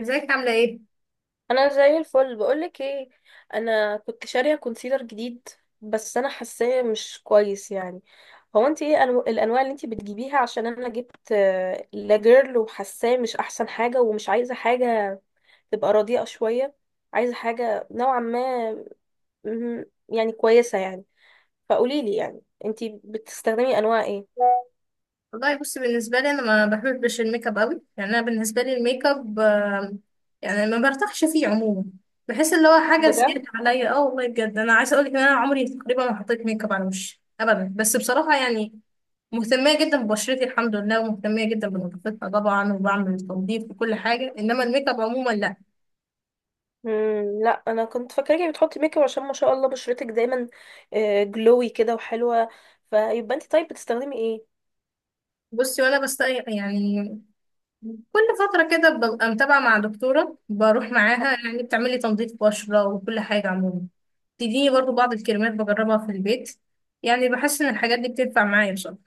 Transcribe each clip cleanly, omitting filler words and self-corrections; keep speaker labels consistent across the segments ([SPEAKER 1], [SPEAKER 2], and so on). [SPEAKER 1] ازيك عاملة ايه؟
[SPEAKER 2] انا زي الفل، بقولك ايه. انا كنت شارية كونسيلر جديد، بس انا حاساه مش كويس يعني. هو انت ايه الانواع اللي انت بتجيبيها؟ عشان انا جبت لاجيرل، وحاساه مش احسن حاجة، ومش عايزة حاجة تبقى رديئة شوية. عايزة حاجة نوعا ما مهم، يعني كويسة يعني. فقوليلي يعني انت بتستخدمي انواع ايه؟
[SPEAKER 1] والله بصي بالنسبة لي انا ما بحبش الميك اب قوي، يعني انا بالنسبة لي الميك اب يعني ما برتاحش فيه عموما. بحس اللي هو حاجة
[SPEAKER 2] بجد.
[SPEAKER 1] زيادة عليا. اه والله بجد انا عايزة اقولك ان انا عمري تقريبا ما حطيت ميك اب على وشي ابدا، بس بصراحة يعني مهتمية جدا ببشرتي الحمد لله، ومهتمية جدا بنظافتها طبعا، وبعمل تنظيف وكل حاجة، انما الميك اب عموما لا.
[SPEAKER 2] مم، لا انا كنت فاكراكي بتحطي ميك اب عشان ما شاء الله بشرتك دايما جلوي كده وحلوه. فيبقى انت طيب بتستخدمي ايه؟
[SPEAKER 1] بصي وانا بستقي يعني كل فترة كده ببقى متابعة مع دكتورة، بروح معاها يعني بتعملي تنظيف بشرة وكل حاجة عموما. تديني برضو بعض الكريمات بجربها في البيت، يعني بحس ان الحاجات دي بتنفع معايا بصراحة.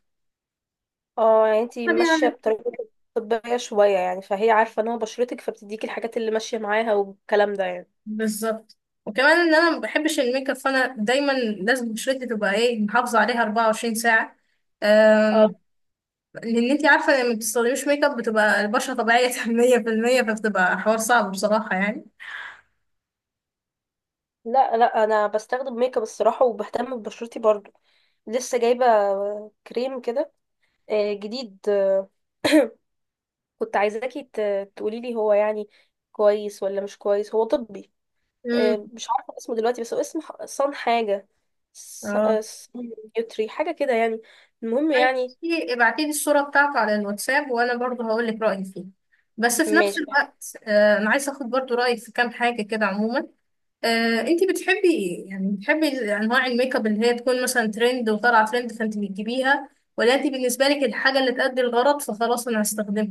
[SPEAKER 2] اه، يعني انت ماشيه
[SPEAKER 1] طبيعي.
[SPEAKER 2] بطريقه طبيه شويه يعني، فهي عارفه نوع بشرتك فبتديكي الحاجات اللي ماشيه معاها والكلام ده يعني.
[SPEAKER 1] بالظبط. وكمان ان انا ما بحبش الميك اب، فانا دايما لازم بشرتي تبقى ايه، محافظة عليها 24 ساعة. أم...
[SPEAKER 2] اه.
[SPEAKER 1] لان انتي عارفة لما بتستخدميش ميك اب بتبقى البشرة طبيعية 100%، فبتبقى حوار صعب بصراحة يعني.
[SPEAKER 2] لا لا، انا بستخدم ميك اب الصراحه، وبهتم ببشرتي برضو. لسه جايبه كريم كده، جديد كنت عايزاكي تقولي لي، هو يعني كويس ولا مش كويس؟ هو طبي.
[SPEAKER 1] امم.
[SPEAKER 2] مش عارفة اسمه دلوقتي، بس هو اسم صن حاجة.
[SPEAKER 1] اه
[SPEAKER 2] صن يوتري حاجة كده يعني. المهم
[SPEAKER 1] طيب
[SPEAKER 2] يعني.
[SPEAKER 1] ابعتي لي الصورة بتاعته على الواتساب وانا برضه هقول لك رأيي فيه. بس في نفس
[SPEAKER 2] ماشي.
[SPEAKER 1] الوقت انا عايزة اخد برضه رأيك في كام حاجة كده عموما. انتي بتحبي ايه، يعني بتحبي انواع الميك اب اللي هي تكون مثلا ترند وطالعة ترند فانت بتجيبيها، ولا انتي بالنسبة لك الحاجة اللي تأدي الغرض فخلاص انا هستخدمها؟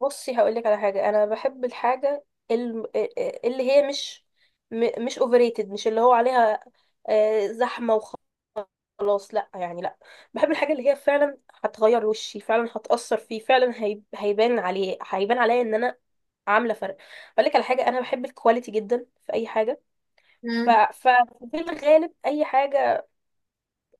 [SPEAKER 2] بصي، هقولك على حاجة. أنا بحب الحاجة اللي هي مش مش overrated، مش اللي هو عليها زحمة، وخلاص. لأ يعني لأ. بحب الحاجة اللي هي فعلا هتغير وشي، فعلا هتأثر فيه فعلا، هيبان عليه، هيبان عليا إن أنا عامله فرق. اقول لك على حاجه، انا بحب الكواليتي جدا في اي حاجه. ف...
[SPEAKER 1] مم.
[SPEAKER 2] ف- في الغالب اي حاجه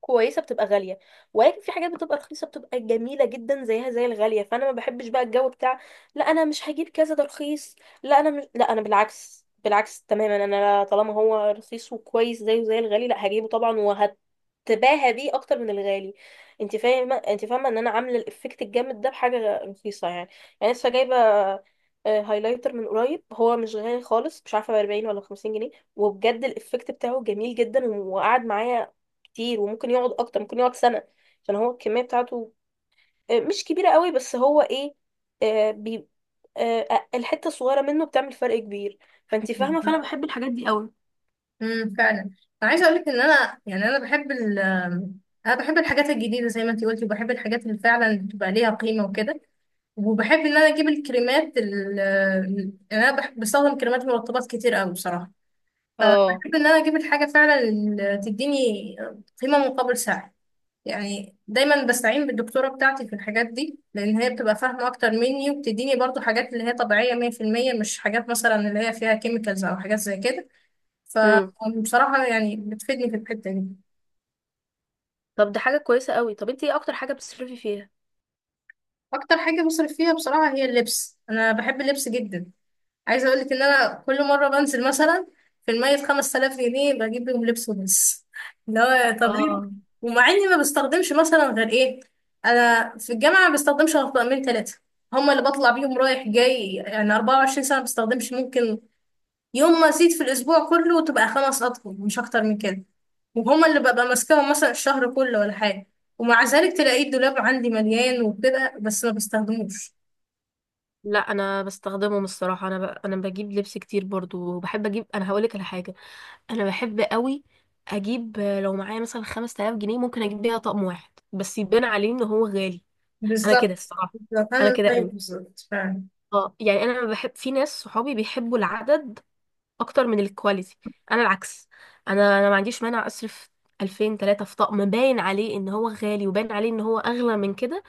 [SPEAKER 2] كويسه بتبقى غاليه، ولكن في حاجات بتبقى رخيصه بتبقى جميله جدا، زيها زي الغاليه. فانا ما بحبش بقى الجو بتاع لا انا مش هجيب كذا ده رخيص. لا انا مش، لا انا بالعكس، بالعكس تماما. انا طالما هو رخيص وكويس زيه زي الغالي، لا هجيبه طبعا وهتباهى بيه اكتر من الغالي. انت فاهمه ان انا عامله الافكت الجامد ده بحاجه رخيصه يعني. يعني لسه جايبه هايلايتر من قريب، هو مش غالي خالص، مش عارفه ب 40 ولا 50 جنيه، وبجد الافكت بتاعه جميل جدا، وقعد معايا كتير وممكن يقعد اكتر، ممكن يقعد سنة، عشان هو الكمية بتاعته مش كبيرة قوي، بس هو ايه، آه، بي آه، آه، الحتة الصغيرة منه بتعمل فرق كبير. فانت فاهمة، فانا بحب الحاجات دي قوي.
[SPEAKER 1] فعلا. انا عايزه اقول لك ان انا يعني انا بحب ال انا بحب الحاجات الجديده زي ما انت قلتي، وبحب الحاجات اللي فعلا بتبقى ليها قيمه وكده. وبحب ان انا اجيب الكريمات انا بحب بستخدم كريمات مرطبات كتير قوي بصراحه.
[SPEAKER 2] اه.
[SPEAKER 1] فبحب ان انا اجيب الحاجه فعلا اللي تديني قيمه مقابل سعر. يعني دايما بستعين بالدكتوره بتاعتي في الحاجات دي، لان هي بتبقى فاهمه اكتر مني، وبتديني برضو حاجات اللي هي طبيعيه 100%، مش حاجات مثلا اللي هي فيها كيميكالز او حاجات زي كده.
[SPEAKER 2] امم.
[SPEAKER 1] فبصراحه يعني بتفيدني في الحته دي.
[SPEAKER 2] طب ده حاجة كويسة قوي. طب انت ايه اكتر حاجة بتصرفي فيها؟
[SPEAKER 1] اكتر حاجه بصرف فيها بصراحه هي اللبس، انا بحب اللبس جدا. عايزه اقول لك ان انا كل مره بنزل مثلا في المية 5000 جنيه بجيب بيهم لبس وبس، اللي هو طب ليه؟
[SPEAKER 2] اه.
[SPEAKER 1] ومع اني ما بستخدمش مثلا غير ايه، انا في الجامعه ما بستخدمش غير طقمين ثلاثه، هما اللي بطلع بيهم رايح جاي يعني 24 ساعه. ما بستخدمش، ممكن يوم ما ازيد في الاسبوع كله تبقى خمس اطقم مش اكتر من كده، وهما اللي ببقى ماسكاهم مثلا الشهر كله ولا حاجه، ومع ذلك تلاقي الدولاب عندي مليان وكده بس ما بستخدموش.
[SPEAKER 2] لا انا بستخدمهم الصراحه. انا بجيب لبس كتير برضو، وبحب اجيب. انا هقولك على حاجه، انا بحب قوي اجيب، لو معايا مثلا 5000 جنيه، ممكن اجيب بيها طقم واحد بس، يبان عليه ان هو غالي. انا كده
[SPEAKER 1] بالظبط
[SPEAKER 2] الصراحه،
[SPEAKER 1] بالظبط
[SPEAKER 2] انا
[SPEAKER 1] انا
[SPEAKER 2] كده
[SPEAKER 1] زيك
[SPEAKER 2] قوي.
[SPEAKER 1] بالظبط فعلا.
[SPEAKER 2] اه يعني انا بحب. في ناس صحابي بيحبوا العدد اكتر من الكواليتي، انا العكس. انا ما عنديش مانع اصرف 2000 3 في طقم باين عليه ان هو غالي، وباين عليه ان هو اغلى من كده،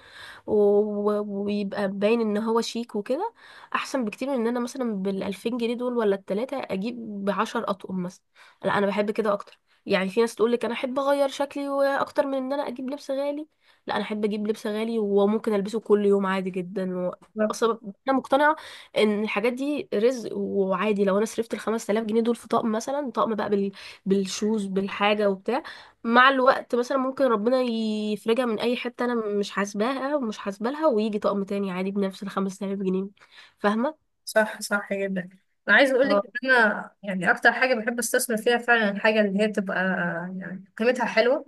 [SPEAKER 2] ويبقى باين ان هو شيك وكده، احسن بكتير من ان انا مثلا بالألفين جنيه دول ولا التلاتة اجيب بعشر اطقم مثلا. لا انا بحب كده اكتر. يعني في ناس تقولك انا احب اغير شكلي واكتر من ان انا اجيب لبس غالي، لا انا احب اجيب لبس غالي، وممكن البسه كل يوم عادي جدا و... اصلا انا مقتنعه ان الحاجات دي رزق، وعادي لو انا صرفت ال 5000 جنيه دول في طقم مثلا، طقم بقى بالشوز بالحاجه وبتاع، مع الوقت مثلا ممكن ربنا يفرجها من اي حته انا مش حاسباها ومش حاسبه لها، ويجي طقم تاني عادي بنفس ال 5000 جنيه. فاهمه؟
[SPEAKER 1] صح. صح جدا. انا عايز اقول لك
[SPEAKER 2] اه.
[SPEAKER 1] ان انا يعني اكتر حاجه بحب استثمر فيها فعلا الحاجه اللي هي تبقى يعني قيمتها حلوه،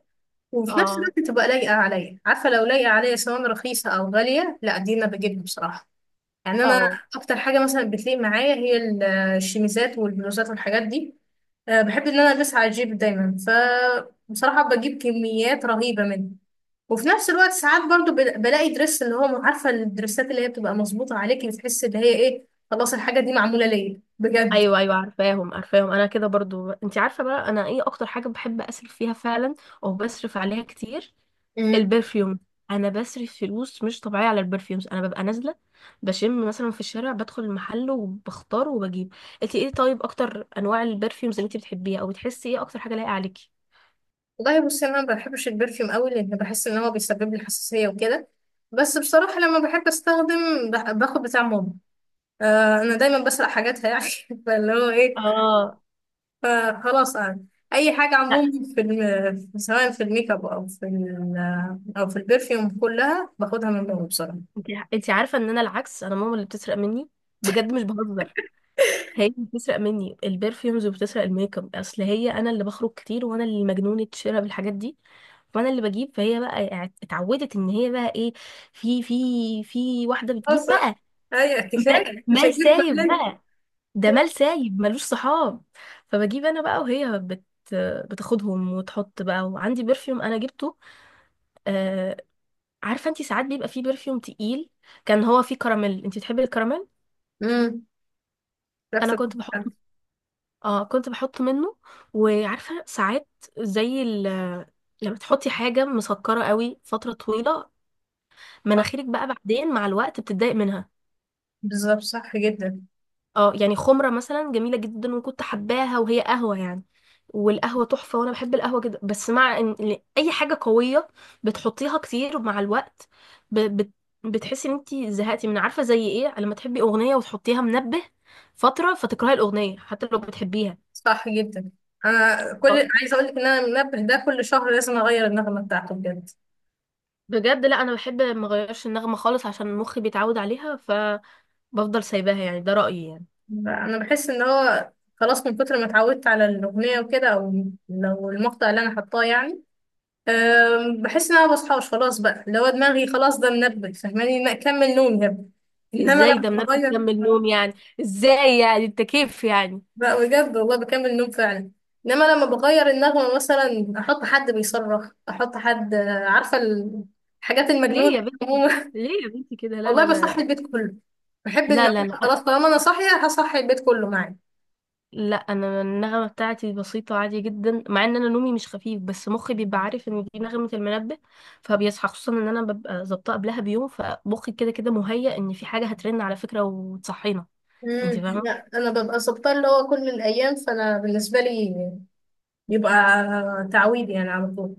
[SPEAKER 1] وفي نفس
[SPEAKER 2] اه.
[SPEAKER 1] الوقت تبقى لايقه عليا. عارفه لو لايقه عليا سواء رخيصه او غاليه لا، دي انا بجيبها بصراحه. يعني انا
[SPEAKER 2] اه.
[SPEAKER 1] اكتر حاجه مثلا بتليق معايا هي الشميزات والبلوزات والحاجات دي. بحب ان انا البسها على الجيب دايما، فبصراحة بجيب كميات رهيبة منه. وفي نفس الوقت ساعات برضو بلاقي درس اللي هو، عارفة الدرسات اللي هي بتبقى مظبوطة عليكي، بتحس اللي هي ايه، خلاص الحاجة دي معمولة ليا بجد.
[SPEAKER 2] ايوه ايوه، عارفاهم عارفاهم. انا كده برضو. انت عارفه بقى انا ايه اكتر حاجه بحب اصرف فيها فعلا، او بصرف عليها كتير؟
[SPEAKER 1] امم.
[SPEAKER 2] البرفيوم. انا بصرف فلوس مش طبيعيه على البرفيومز. انا ببقى نازله بشم مثلا في الشارع، بدخل المحل وبختار وبجيب. انت ايه طيب اكتر انواع البرفيومز اللي انت بتحبيها، او بتحسي ايه اكتر حاجه لايقه عليكي؟
[SPEAKER 1] والله بصي انا ما بحبش البرفيوم قوي، لان بحس ان هو بيسبب لي حساسيه وكده. بس بصراحه لما بحب استخدم باخد بتاع ماما. آه انا دايما بسرق حاجاتها يعني. فاللي هو ايه،
[SPEAKER 2] اه.
[SPEAKER 1] فخلاص يعني اي حاجه
[SPEAKER 2] لا.
[SPEAKER 1] عموما في سواء في الميك اب او في ال... او في البرفيوم، كلها باخدها من بره بسرعه.
[SPEAKER 2] انت انت عارفه ان انا العكس؟ انا ماما اللي بتسرق مني، بجد مش بهزر. هي اللي بتسرق مني البرفيومز، وبتسرق الميك اب، اصل هي، انا اللي بخرج كتير، وانا اللي مجنونه شراء بالحاجات دي، وانا اللي بجيب، فهي بقى اتعودت ان هي بقى ايه، في في في واحده
[SPEAKER 1] خلاص
[SPEAKER 2] بتجيب
[SPEAKER 1] بقى.
[SPEAKER 2] بقى.
[SPEAKER 1] ايوه
[SPEAKER 2] مال
[SPEAKER 1] كفايه، مش
[SPEAKER 2] مال
[SPEAKER 1] هجيب.
[SPEAKER 2] سايب
[SPEAKER 1] بالين.
[SPEAKER 2] بقى، ده مال سايب ملوش صحاب. فبجيب انا بقى، وهي بتاخدهم وتحط بقى. وعندي برفيوم انا جبته، آه، عارفه انتي ساعات بيبقى فيه برفيوم تقيل، كان هو فيه كراميل. انتي بتحبي الكراميل؟
[SPEAKER 1] امم. ريحة
[SPEAKER 2] انا كنت بحط،
[SPEAKER 1] البقال.
[SPEAKER 2] اه كنت بحط منه. وعارفه ساعات زي ال... لما تحطي حاجه مسكره قوي فتره طويله،
[SPEAKER 1] آه،
[SPEAKER 2] مناخيرك بقى بعدين مع الوقت بتتضايق منها.
[SPEAKER 1] بالظبط صح جدا.
[SPEAKER 2] اه، يعني خمرة مثلا جميلة جدا وكنت حباها، وهي قهوة يعني. والقهوة تحفة، وانا بحب القهوة جدا. بس مع ان اي حاجة قوية بتحطيها كتير، مع الوقت ب... بت... بتحسي ان انتي زهقتي من عارفة زي ايه لما تحبي اغنية وتحطيها منبه فترة، فتكرهي الاغنية حتى لو بتحبيها.
[SPEAKER 1] صح جدا. انا كل
[SPEAKER 2] اه.
[SPEAKER 1] عايزه اقول لك ان انا المنبه ده كل شهر لازم اغير النغمه بتاعته بجد.
[SPEAKER 2] بجد. لا انا بحب ما اغيرش النغمة خالص، عشان مخي بيتعود عليها فبفضل سايباها يعني، ده رأيي يعني.
[SPEAKER 1] انا بحس ان هو خلاص من كتر ما اتعودت على الاغنيه وكده، او لو المقطع اللي انا حطاه يعني بحس ان انا مبصحاش خلاص بقى، لو دماغي خلاص ده منبه، فاهماني إن اكمل نوم يا ابني. انما
[SPEAKER 2] ازاي
[SPEAKER 1] لما
[SPEAKER 2] ده منبه
[SPEAKER 1] بغير
[SPEAKER 2] كمل نوم يعني؟ ازاي يعني، انت كيف يعني؟
[SPEAKER 1] بقى، بجد والله بكمل نوم فعلا. انما لما بغير النغمه مثلا احط حد بيصرخ، احط حد، عارفه، الحاجات
[SPEAKER 2] ليه
[SPEAKER 1] المجنونه
[SPEAKER 2] يا،
[SPEAKER 1] عموما.
[SPEAKER 2] ليه يا بنتي كده؟ لا لا
[SPEAKER 1] والله
[SPEAKER 2] لا،
[SPEAKER 1] بصحي البيت كله. بحب
[SPEAKER 2] لا
[SPEAKER 1] ان
[SPEAKER 2] لا لا
[SPEAKER 1] خلاص طالما انا صاحيه هصحي البيت كله معايا.
[SPEAKER 2] لا. انا النغمه بتاعتي بسيطه عادي جدا، مع ان انا نومي مش خفيف، بس مخي بيبقى عارف ان دي نغمه المنبه فبيصحى. خصوصا ان انا ببقى ظابطه قبلها بيوم، فمخي كده كده مهيأ ان في حاجه هترن على فكره وتصحينا. انت
[SPEAKER 1] امم.
[SPEAKER 2] فاهمه؟
[SPEAKER 1] لا انا ببقى ظابطه اللي هو كل الايام، فانا بالنسبه لي بيبقى تعويض يعني على طول.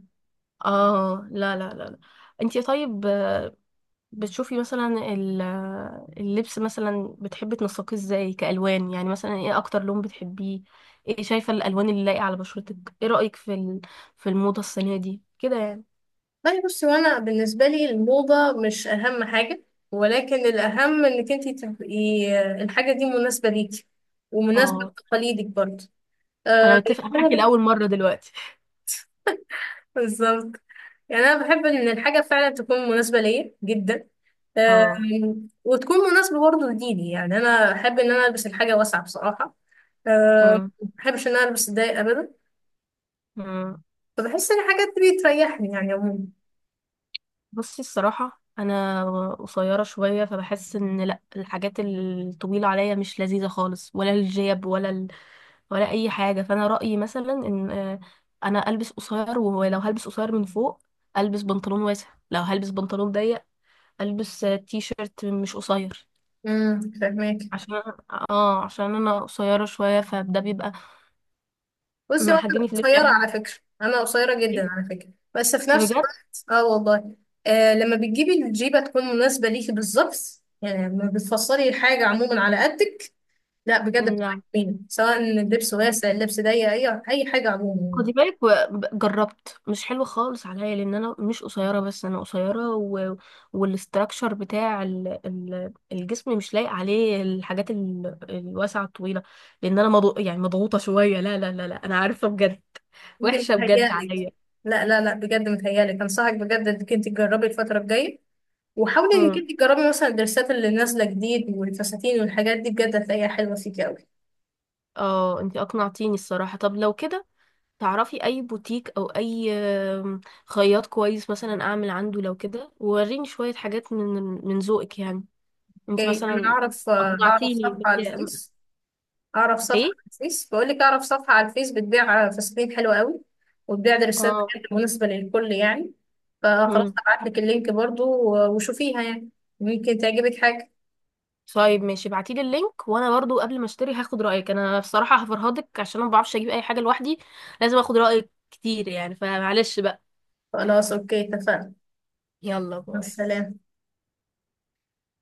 [SPEAKER 2] اه. لا لا لا، لا. انت طيب بتشوفي مثلا ال- اللبس مثلا بتحبي تنسقيه ازاي كألوان؟ يعني مثلا ايه اكتر لون بتحبيه؟ ايه شايفة الألوان اللي لايقة على بشرتك؟ ايه رأيك في في الموضة السنة دي كده يعني؟
[SPEAKER 1] طيب بصي، وانا بالنسبه لي الموضه مش اهم حاجه، ولكن الاهم انك انت تبقي الحاجه دي مناسبه ليكي، ومناسبه
[SPEAKER 2] اه.
[SPEAKER 1] لتقاليدك برضه.
[SPEAKER 2] انا
[SPEAKER 1] آه يعني
[SPEAKER 2] متفقة
[SPEAKER 1] انا
[SPEAKER 2] معاكي لأول مرة دلوقتي.
[SPEAKER 1] بالظبط. يعني انا بحب ان الحاجه فعلا تكون مناسبه ليا جدا. آه،
[SPEAKER 2] اه.
[SPEAKER 1] وتكون مناسبه برضه لديني. يعني انا احب ان انا البس الحاجه واسعه بصراحه. آه،
[SPEAKER 2] مم.
[SPEAKER 1] ما بحبش ان انا البس ضيق ابدا،
[SPEAKER 2] مم.
[SPEAKER 1] فبحس ان الحاجات دي بتريحني يعني عموما.
[SPEAKER 2] بصي الصراحة، أنا قصيرة شوية فبحس إن لأ، الحاجات الطويلة عليا مش لذيذة خالص، ولا الجيب، ولا ولا اي حاجه. فانا رايي مثلا ان انا البس قصير، ولو هلبس قصير من فوق البس بنطلون واسع، لو هلبس بنطلون ضيق البس تي شيرت مش قصير.
[SPEAKER 1] فاهمك.
[SPEAKER 2] عشان، اه عشان انا قصيره شويه، فده بيبقى
[SPEAKER 1] بصي وانا
[SPEAKER 2] محجني في اللبس
[SPEAKER 1] قصيره
[SPEAKER 2] يعني.
[SPEAKER 1] على فكره، انا قصيره
[SPEAKER 2] إيه؟
[SPEAKER 1] جدا على فكره. بس في نفس
[SPEAKER 2] بجد.
[SPEAKER 1] الوقت اه والله آه، لما بتجيبي الجيبه تكون مناسبه ليكي بالظبط، يعني لما بتفصلي الحاجه عموما على قدك، لا بجد بتبقى
[SPEAKER 2] لا
[SPEAKER 1] جميله، سواء اللبس واسع اللبس ضيق اي اي حاجه عموما يعني.
[SPEAKER 2] خدي بالك، جربت، مش حلو خالص عليا، لان انا مش قصيره بس، انا قصيره و... والاستراكشر بتاع الجسم مش لايق عليه الحاجات الواسعه الطويله، لان انا يعني مضغوطه شويه. لا لا لا لا، انا عارفه بجد،
[SPEAKER 1] انت
[SPEAKER 2] وحشه بجد
[SPEAKER 1] متهيألك،
[SPEAKER 2] عليا.
[SPEAKER 1] لا لا لا بجد متهيألك، انصحك بجد انك انت تجربي الفتره الجايه، وحاولي انك
[SPEAKER 2] امم.
[SPEAKER 1] انت تجربي مثلا الدرسات اللي نازله جديد والفساتين والحاجات دي، بجد هتلاقيها حلوه فيكي قوي.
[SPEAKER 2] اه انتي اقنعتيني الصراحه. طب لو كده، تعرفي اي بوتيك او اي خياط كويس مثلا اعمل عنده لو كده، ووريني شويه حاجات من ذوقك يعني، انت
[SPEAKER 1] اوكي انا
[SPEAKER 2] مثلا.
[SPEAKER 1] اعرف اعرف
[SPEAKER 2] اقنعتيني.
[SPEAKER 1] صفحه على الفيس. اعرف صفحه على
[SPEAKER 2] ايه.
[SPEAKER 1] الفيس، بقول لك اعرف صفحه على الفيس بتبيع فساتين حلوه قوي، وبتبيع دريسات
[SPEAKER 2] اه.
[SPEAKER 1] كانت مناسبه للكل يعني. فخلاص
[SPEAKER 2] امم.
[SPEAKER 1] هبعت لك اللينك برضو وشوفيها يعني، ممكن تعجبك حاجه.
[SPEAKER 2] طيب ماشي، ابعتيلي اللينك. وانا برضو قبل ما اشتري هاخد رايك. انا بصراحه هفرهدك، عشان أنا ما بعرفش اجيب اي حاجه لوحدي، لازم اخد رايك كتير يعني. فمعلش بقى.
[SPEAKER 1] خلاص اوكي اتفقنا.
[SPEAKER 2] يلا
[SPEAKER 1] مع
[SPEAKER 2] باي.
[SPEAKER 1] السلامه.